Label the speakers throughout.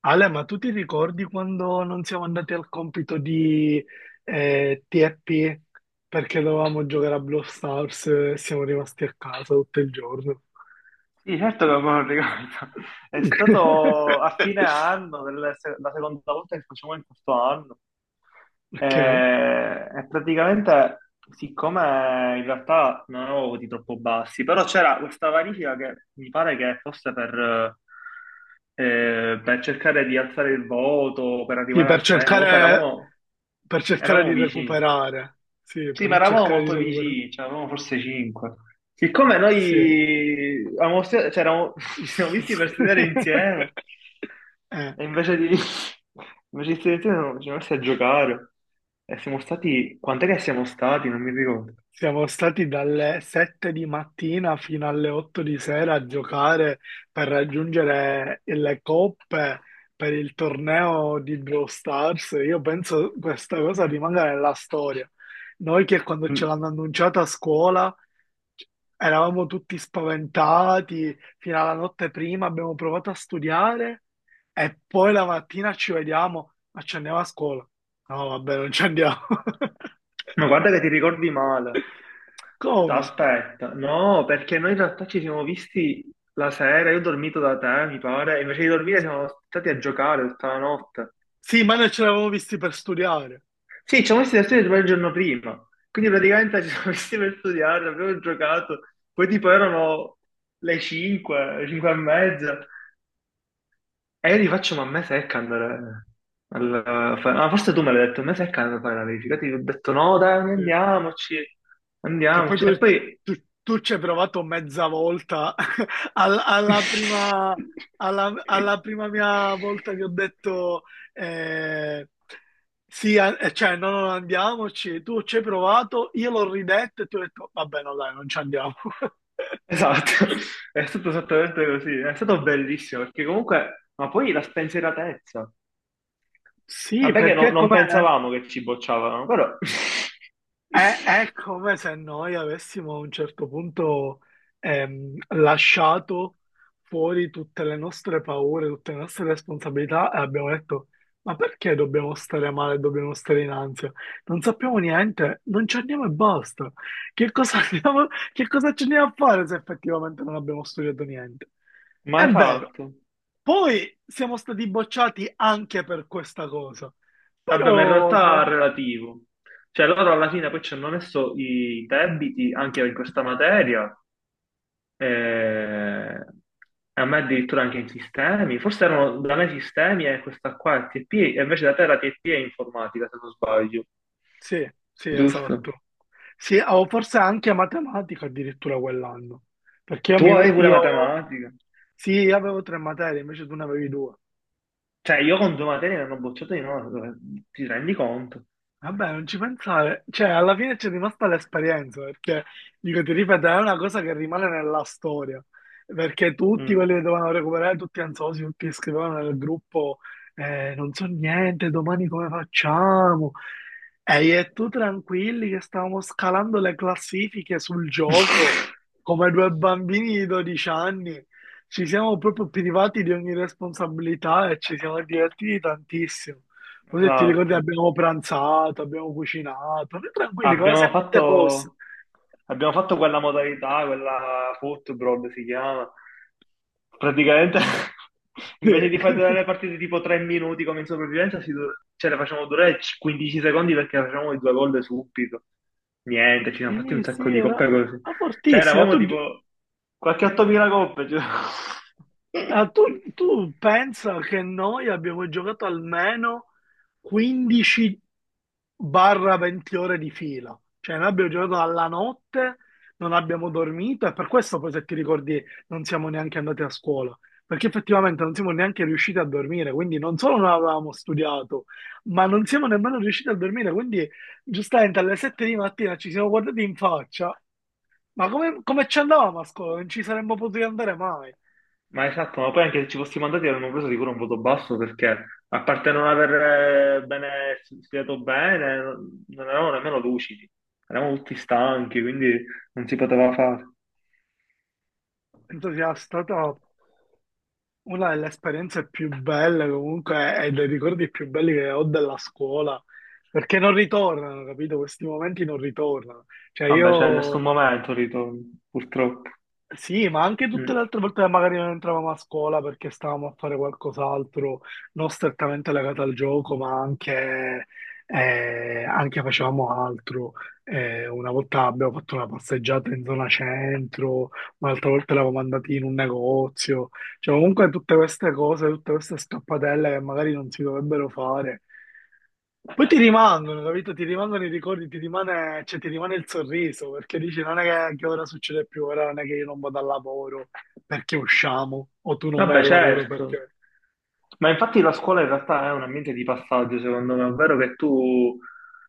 Speaker 1: Ale, ma tu ti ricordi quando non siamo andati al compito di TFP perché dovevamo giocare a Brawl Stars e siamo rimasti a casa tutto il giorno?
Speaker 2: Sì, certo che me lo ricordo. È stato a fine anno, del la seconda volta che facciamo in questo anno. E,
Speaker 1: Ok.
Speaker 2: e praticamente, siccome in realtà non avevo voti troppo bassi, però c'era questa verifica che mi pare che fosse per cercare di alzare il voto, per
Speaker 1: Sì,
Speaker 2: arrivare a sei, no? Comunque eravamo,
Speaker 1: per cercare
Speaker 2: eravamo
Speaker 1: di
Speaker 2: vicini.
Speaker 1: recuperare. Sì,
Speaker 2: Sì, ma
Speaker 1: per
Speaker 2: eravamo
Speaker 1: cercare di
Speaker 2: molto
Speaker 1: recuperare.
Speaker 2: vicini, cioè eravamo forse cinque. Siccome
Speaker 1: Sì.
Speaker 2: noi avevamo cioè, ci siamo visti per studiare insieme,
Speaker 1: Eh.
Speaker 2: e invece di studiare insieme ci siamo messi a giocare. E siamo stati... Quant'è che siamo stati? Non mi ricordo.
Speaker 1: Siamo stati dalle 7 di mattina fino alle 8 di sera a giocare per raggiungere le coppe per il torneo di Brawl Stars. Io penso questa cosa rimanga nella storia. Noi che quando ce
Speaker 2: Mm.
Speaker 1: l'hanno annunciata a scuola eravamo tutti spaventati, fino alla notte prima abbiamo provato a studiare e poi la mattina ci vediamo, ma ci andiamo a scuola. No, vabbè, non ci andiamo.
Speaker 2: Ma guarda che ti ricordi male.
Speaker 1: Come?
Speaker 2: Aspetta, no, perché noi in realtà ci siamo visti la sera, io ho dormito da te, mi pare, e invece di dormire siamo stati a giocare tutta la notte.
Speaker 1: Sì, ma noi ce l'avevamo visti per studiare.
Speaker 2: Sì, ci siamo messi da studio proprio il giorno prima, quindi praticamente ci siamo messi per studiare, abbiamo giocato, poi tipo erano le 5, 5 e mezza, e io gli faccio, ma a me secca andare ma forse tu me l'hai detto, a me secca andare a fare la verifica, ti ho detto no dai,
Speaker 1: Sì.
Speaker 2: andiamoci,
Speaker 1: Che poi
Speaker 2: andiamoci,
Speaker 1: tu,
Speaker 2: e poi...
Speaker 1: tu ci hai provato mezza volta. Al- Alla, prima, alla prima mia volta ti ho detto eh, sì, cioè no, non andiamoci. Tu ci hai provato, io l'ho ridetto e ti ho detto vabbè, no, dai, non ci andiamo.
Speaker 2: Esatto, è stato esattamente così, è stato bellissimo perché comunque, ma poi la spensieratezza.
Speaker 1: Sì,
Speaker 2: Vabbè che
Speaker 1: perché
Speaker 2: non
Speaker 1: com'è?
Speaker 2: pensavamo che ci bocciavano, però
Speaker 1: È come se noi avessimo a un certo punto lasciato fuori tutte le nostre paure, tutte le nostre responsabilità e abbiamo detto: ma perché dobbiamo stare male, dobbiamo stare in ansia? Non sappiamo niente, non ci andiamo e basta. Che cosa che cosa ci andiamo a fare se effettivamente non abbiamo studiato niente? È
Speaker 2: mai
Speaker 1: vero.
Speaker 2: fatto.
Speaker 1: Poi siamo stati bocciati anche per questa cosa,
Speaker 2: Vabbè, ma in
Speaker 1: però.
Speaker 2: realtà
Speaker 1: No,
Speaker 2: è relativo. Cioè loro alla fine poi ci hanno messo i debiti anche in questa materia, eh, a me addirittura anche in sistemi. Forse erano da me sistemi e questa qua è TP, e invece da te la TP è informatica, se non sbaglio.
Speaker 1: sì, sì,
Speaker 2: Giusto.
Speaker 1: esatto. Sì, o forse anche matematica addirittura quell'anno, perché
Speaker 2: Tu avevi pure
Speaker 1: io
Speaker 2: matematica.
Speaker 1: sì, io avevo tre materie, invece tu ne avevi due.
Speaker 2: Cioè io con due materie mi hanno bocciato di no, ti rendi conto?
Speaker 1: Vabbè, non ci pensare, cioè alla fine c'è rimasta l'esperienza, perché dico, ti ripeto, è una cosa che rimane nella storia, perché tutti
Speaker 2: Mm.
Speaker 1: quelli che dovevano recuperare, tutti ansiosi, tutti che scrivevano nel gruppo, non so niente, domani come facciamo? E io e tu tranquilli che stavamo scalando le classifiche sul gioco,
Speaker 2: Esatto.
Speaker 1: come due bambini di 12 anni, ci siamo proprio privati di ogni responsabilità e ci siamo divertiti tantissimo. Così ti ricordi, abbiamo pranzato, abbiamo cucinato, noi tranquilli, come se
Speaker 2: Abbiamo
Speaker 1: niente fosse.
Speaker 2: fatto, abbiamo fatto quella modalità, quella football si chiama. Praticamente,
Speaker 1: Sì,
Speaker 2: invece di fare durare le partite tipo 3 minuti come in sopravvivenza, cioè, le facciamo durare 15 secondi perché facciamo i due gol subito. Niente, ci siamo fatti
Speaker 1: sì,
Speaker 2: un
Speaker 1: sì,
Speaker 2: sacco di coppe
Speaker 1: era
Speaker 2: così.
Speaker 1: ma
Speaker 2: Cioè,
Speaker 1: fortissima.
Speaker 2: eravamo
Speaker 1: Tu,
Speaker 2: tipo qualche 8.000 coppe. Cioè.
Speaker 1: ah, tu, tu pensa che noi abbiamo giocato almeno 15 barra 20 ore di fila. Cioè, noi abbiamo giocato alla notte, non abbiamo dormito e per questo poi, se ti ricordi, non siamo neanche andati a scuola. Perché effettivamente non siamo neanche riusciti a dormire, quindi non solo non avevamo studiato, ma non siamo nemmeno riusciti a dormire. Quindi, giustamente, alle 7 di mattina ci siamo guardati in faccia. Ma come, come ci andavamo a scuola? Non ci saremmo potuti andare mai.
Speaker 2: Ma esatto, ma poi anche se ci fossimo andati avremmo preso sicuro un voto basso perché, a parte non aver bene, studiato bene, non eravamo nemmeno lucidi, eravamo tutti stanchi, quindi non si poteva fare.
Speaker 1: Entusiasta top. Una delle esperienze più belle comunque e dei ricordi più belli che ho della scuola, perché non ritornano, capito? Questi momenti non ritornano. Cioè
Speaker 2: Vabbè, c'è nessun
Speaker 1: io
Speaker 2: momento ritorno, purtroppo.
Speaker 1: sì, ma anche tutte le
Speaker 2: Mm.
Speaker 1: altre volte che magari non entravamo a scuola perché stavamo a fare qualcos'altro, non strettamente legato al gioco, ma anche, anche facevamo altro. Una volta abbiamo fatto una passeggiata in zona centro, un'altra volta eravamo andati in un negozio. Cioè, comunque tutte queste cose, tutte queste scappatelle che magari non si dovrebbero fare, poi ti rimangono, capito? Ti rimangono i ricordi, ti rimane, cioè, ti rimane il sorriso, perché dici non è che ora succede più, ora non è che io non vado al lavoro perché usciamo, o tu non vai
Speaker 2: Vabbè,
Speaker 1: al lavoro
Speaker 2: certo.
Speaker 1: perché...
Speaker 2: Ma infatti la scuola in realtà è un ambiente di passaggio, secondo me, ovvero che tu,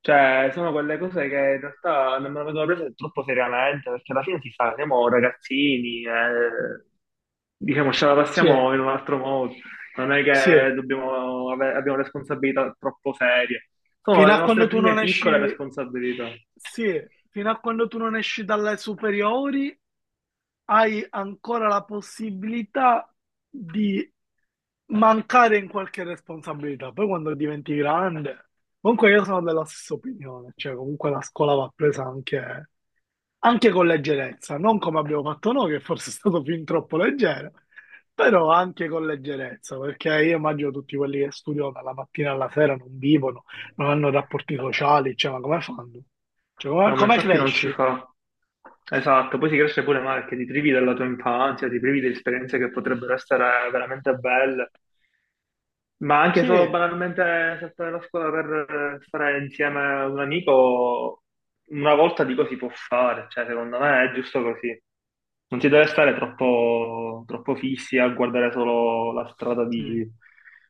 Speaker 2: cioè, sono quelle cose che in realtà non me le vengono prese troppo seriamente, perché alla fine si sa, siamo ragazzini, diciamo, ce la
Speaker 1: Sì,
Speaker 2: passiamo in un altro modo, non è
Speaker 1: sì,
Speaker 2: che dobbiamo abbiamo responsabilità troppo serie, sono
Speaker 1: fino
Speaker 2: le
Speaker 1: a quando
Speaker 2: nostre
Speaker 1: tu non
Speaker 2: prime piccole
Speaker 1: esci,
Speaker 2: responsabilità.
Speaker 1: sì, fino a quando tu non esci dalle superiori hai ancora la possibilità di mancare in qualche responsabilità. Poi quando diventi grande, comunque io sono della stessa opinione, cioè comunque la scuola va presa anche, anche con leggerezza, non come abbiamo fatto noi, che forse è stato fin troppo leggero, però anche con leggerezza, perché io immagino tutti quelli che studiano dalla mattina alla sera non vivono, non hanno rapporti sociali, cioè ma come fanno? Cioè, come,
Speaker 2: No, ma
Speaker 1: come
Speaker 2: infatti non si
Speaker 1: cresci?
Speaker 2: fa. Esatto, poi si cresce pure male perché ti privi della tua infanzia, ti privi di esperienze che potrebbero essere veramente belle, ma anche
Speaker 1: Sì,
Speaker 2: solo banalmente saltare la scuola per stare insieme a un amico, una volta dico si può fare, cioè secondo me è giusto così. Non si deve stare troppo, troppo fissi a guardare solo la strada
Speaker 1: sì.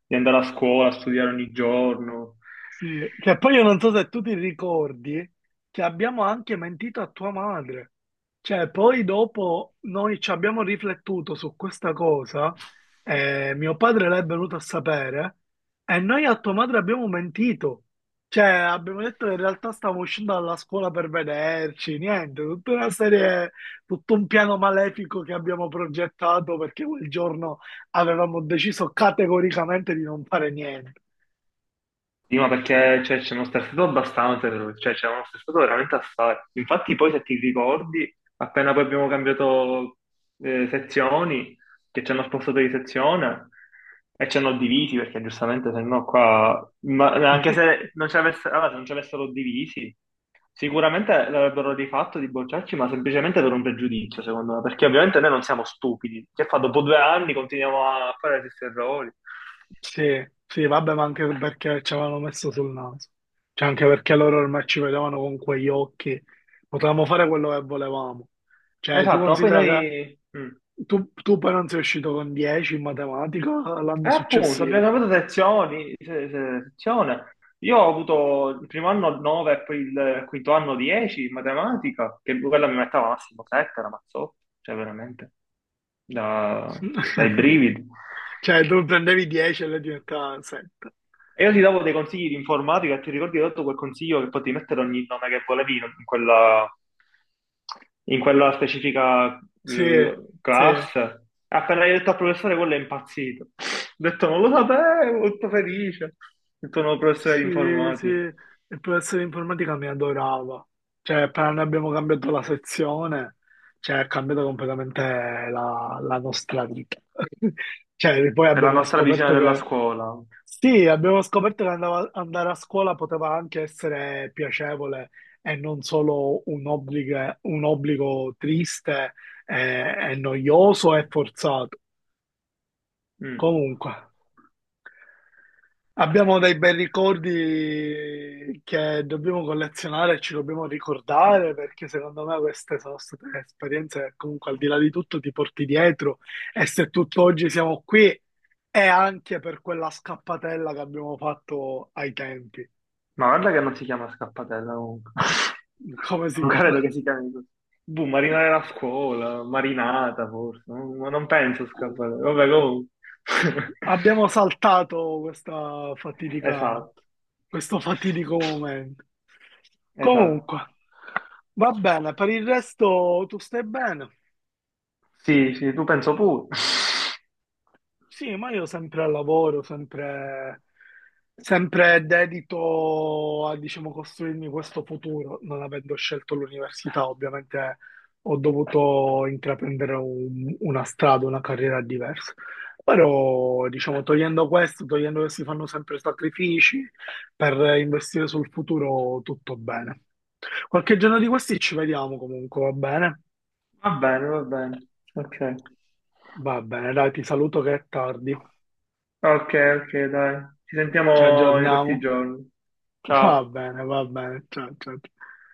Speaker 2: di andare a scuola, a studiare ogni giorno.
Speaker 1: Sì, che poi io non so se tu ti ricordi che abbiamo anche mentito a tua madre. Cioè, poi dopo noi ci abbiamo riflettuto su questa cosa, mio padre l'è venuto a sapere, e noi a tua madre abbiamo mentito. Cioè, abbiamo detto che in realtà stavamo uscendo dalla scuola per vederci, niente, tutta una serie, tutto un piano malefico che abbiamo progettato perché quel giorno avevamo deciso categoricamente di non fare niente.
Speaker 2: Sì, ma perché cioè, ci hanno stressato abbastanza, cioè ci hanno stressato veramente assai. Infatti poi se ti ricordi, appena poi abbiamo cambiato sezioni, che ci hanno spostato di sezione e ci hanno divisi, perché giustamente se no qua, anche se non allora, se non ci avessero divisi, sicuramente l'avrebbero rifatto di bocciarci, ma semplicemente per un pregiudizio, secondo me, perché ovviamente noi non siamo stupidi. Che fa, dopo due anni continuiamo a fare gli stessi errori.
Speaker 1: Sì, sì, vabbè, ma anche perché ci avevano messo sul naso. Cioè, anche perché loro ormai ci vedevano con quegli occhi. Potevamo fare quello che volevamo. Cioè, tu
Speaker 2: Esatto, ma poi
Speaker 1: considera
Speaker 2: noi... mm.
Speaker 1: che tu, tu poi non sei uscito con 10 in matematica
Speaker 2: E
Speaker 1: l'anno
Speaker 2: appunto,
Speaker 1: successivo.
Speaker 2: abbiamo avuto sezioni, sezione. Io ho avuto il primo anno 9 e poi il quinto anno 10 in matematica, che quella mi metteva massimo 7, la mazzotto, cioè veramente, da- dai brividi.
Speaker 1: Cioè, tu prendevi 10 e lei diventava 7.
Speaker 2: E io ti davo dei consigli di informatica e ti ricordi che ho dato quel consiglio che potevi mettere ogni nome che volevi in in quella specifica
Speaker 1: Sì, sì.
Speaker 2: classe. Appena hai detto al professore, quello è impazzito. Ho detto, non lo sapevo, molto felice. Ho detto, no, professore di
Speaker 1: Sì, sì,
Speaker 2: informatica.
Speaker 1: il professore di informatica mi adorava. Cioè, appena noi abbiamo cambiato la sezione, cioè, ha cambiato completamente la, la nostra vita. Cioè, poi
Speaker 2: È la
Speaker 1: abbiamo
Speaker 2: nostra visione
Speaker 1: scoperto
Speaker 2: della
Speaker 1: che,
Speaker 2: scuola.
Speaker 1: sì, abbiamo scoperto che andare a scuola poteva anche essere piacevole e non solo un obbligo triste e noioso e forzato.
Speaker 2: Mm.
Speaker 1: Comunque. Abbiamo dei bei ricordi che dobbiamo collezionare e ci dobbiamo ricordare perché secondo me queste sono state esperienze che comunque al di là di tutto ti porti dietro e se tutt'oggi siamo qui è anche per quella scappatella che abbiamo fatto ai tempi.
Speaker 2: Ma guarda che non si chiama scappatella comunque.
Speaker 1: Come si
Speaker 2: Non
Speaker 1: chiama?
Speaker 2: credo che si chiami così. Boh, marinare la scuola, marinata forse, ma non penso scappare. Vabbè, comunque.
Speaker 1: Abbiamo saltato questa fatidica,
Speaker 2: Esatto,
Speaker 1: questo fatidico momento.
Speaker 2: esatto.
Speaker 1: Comunque, va bene, per il resto tu stai bene.
Speaker 2: Sì, sì, tu penso pure.
Speaker 1: Sì, ma io sempre al lavoro, sempre, sempre dedito a, diciamo, costruirmi questo futuro. Non avendo scelto l'università, ovviamente ho dovuto intraprendere una strada, una carriera diversa. Però, diciamo, togliendo questo, togliendo che si fanno sempre sacrifici per investire sul futuro, tutto bene. Qualche giorno di questi ci vediamo comunque, va bene?
Speaker 2: Va bene, va bene. Ok,
Speaker 1: Va bene, dai, ti saluto che è tardi.
Speaker 2: ok, ok, dai. Ci
Speaker 1: Ci
Speaker 2: sentiamo in questi
Speaker 1: aggiorniamo.
Speaker 2: giorni.
Speaker 1: Va
Speaker 2: Ciao.
Speaker 1: bene, va bene. Ciao, ciao, ciao.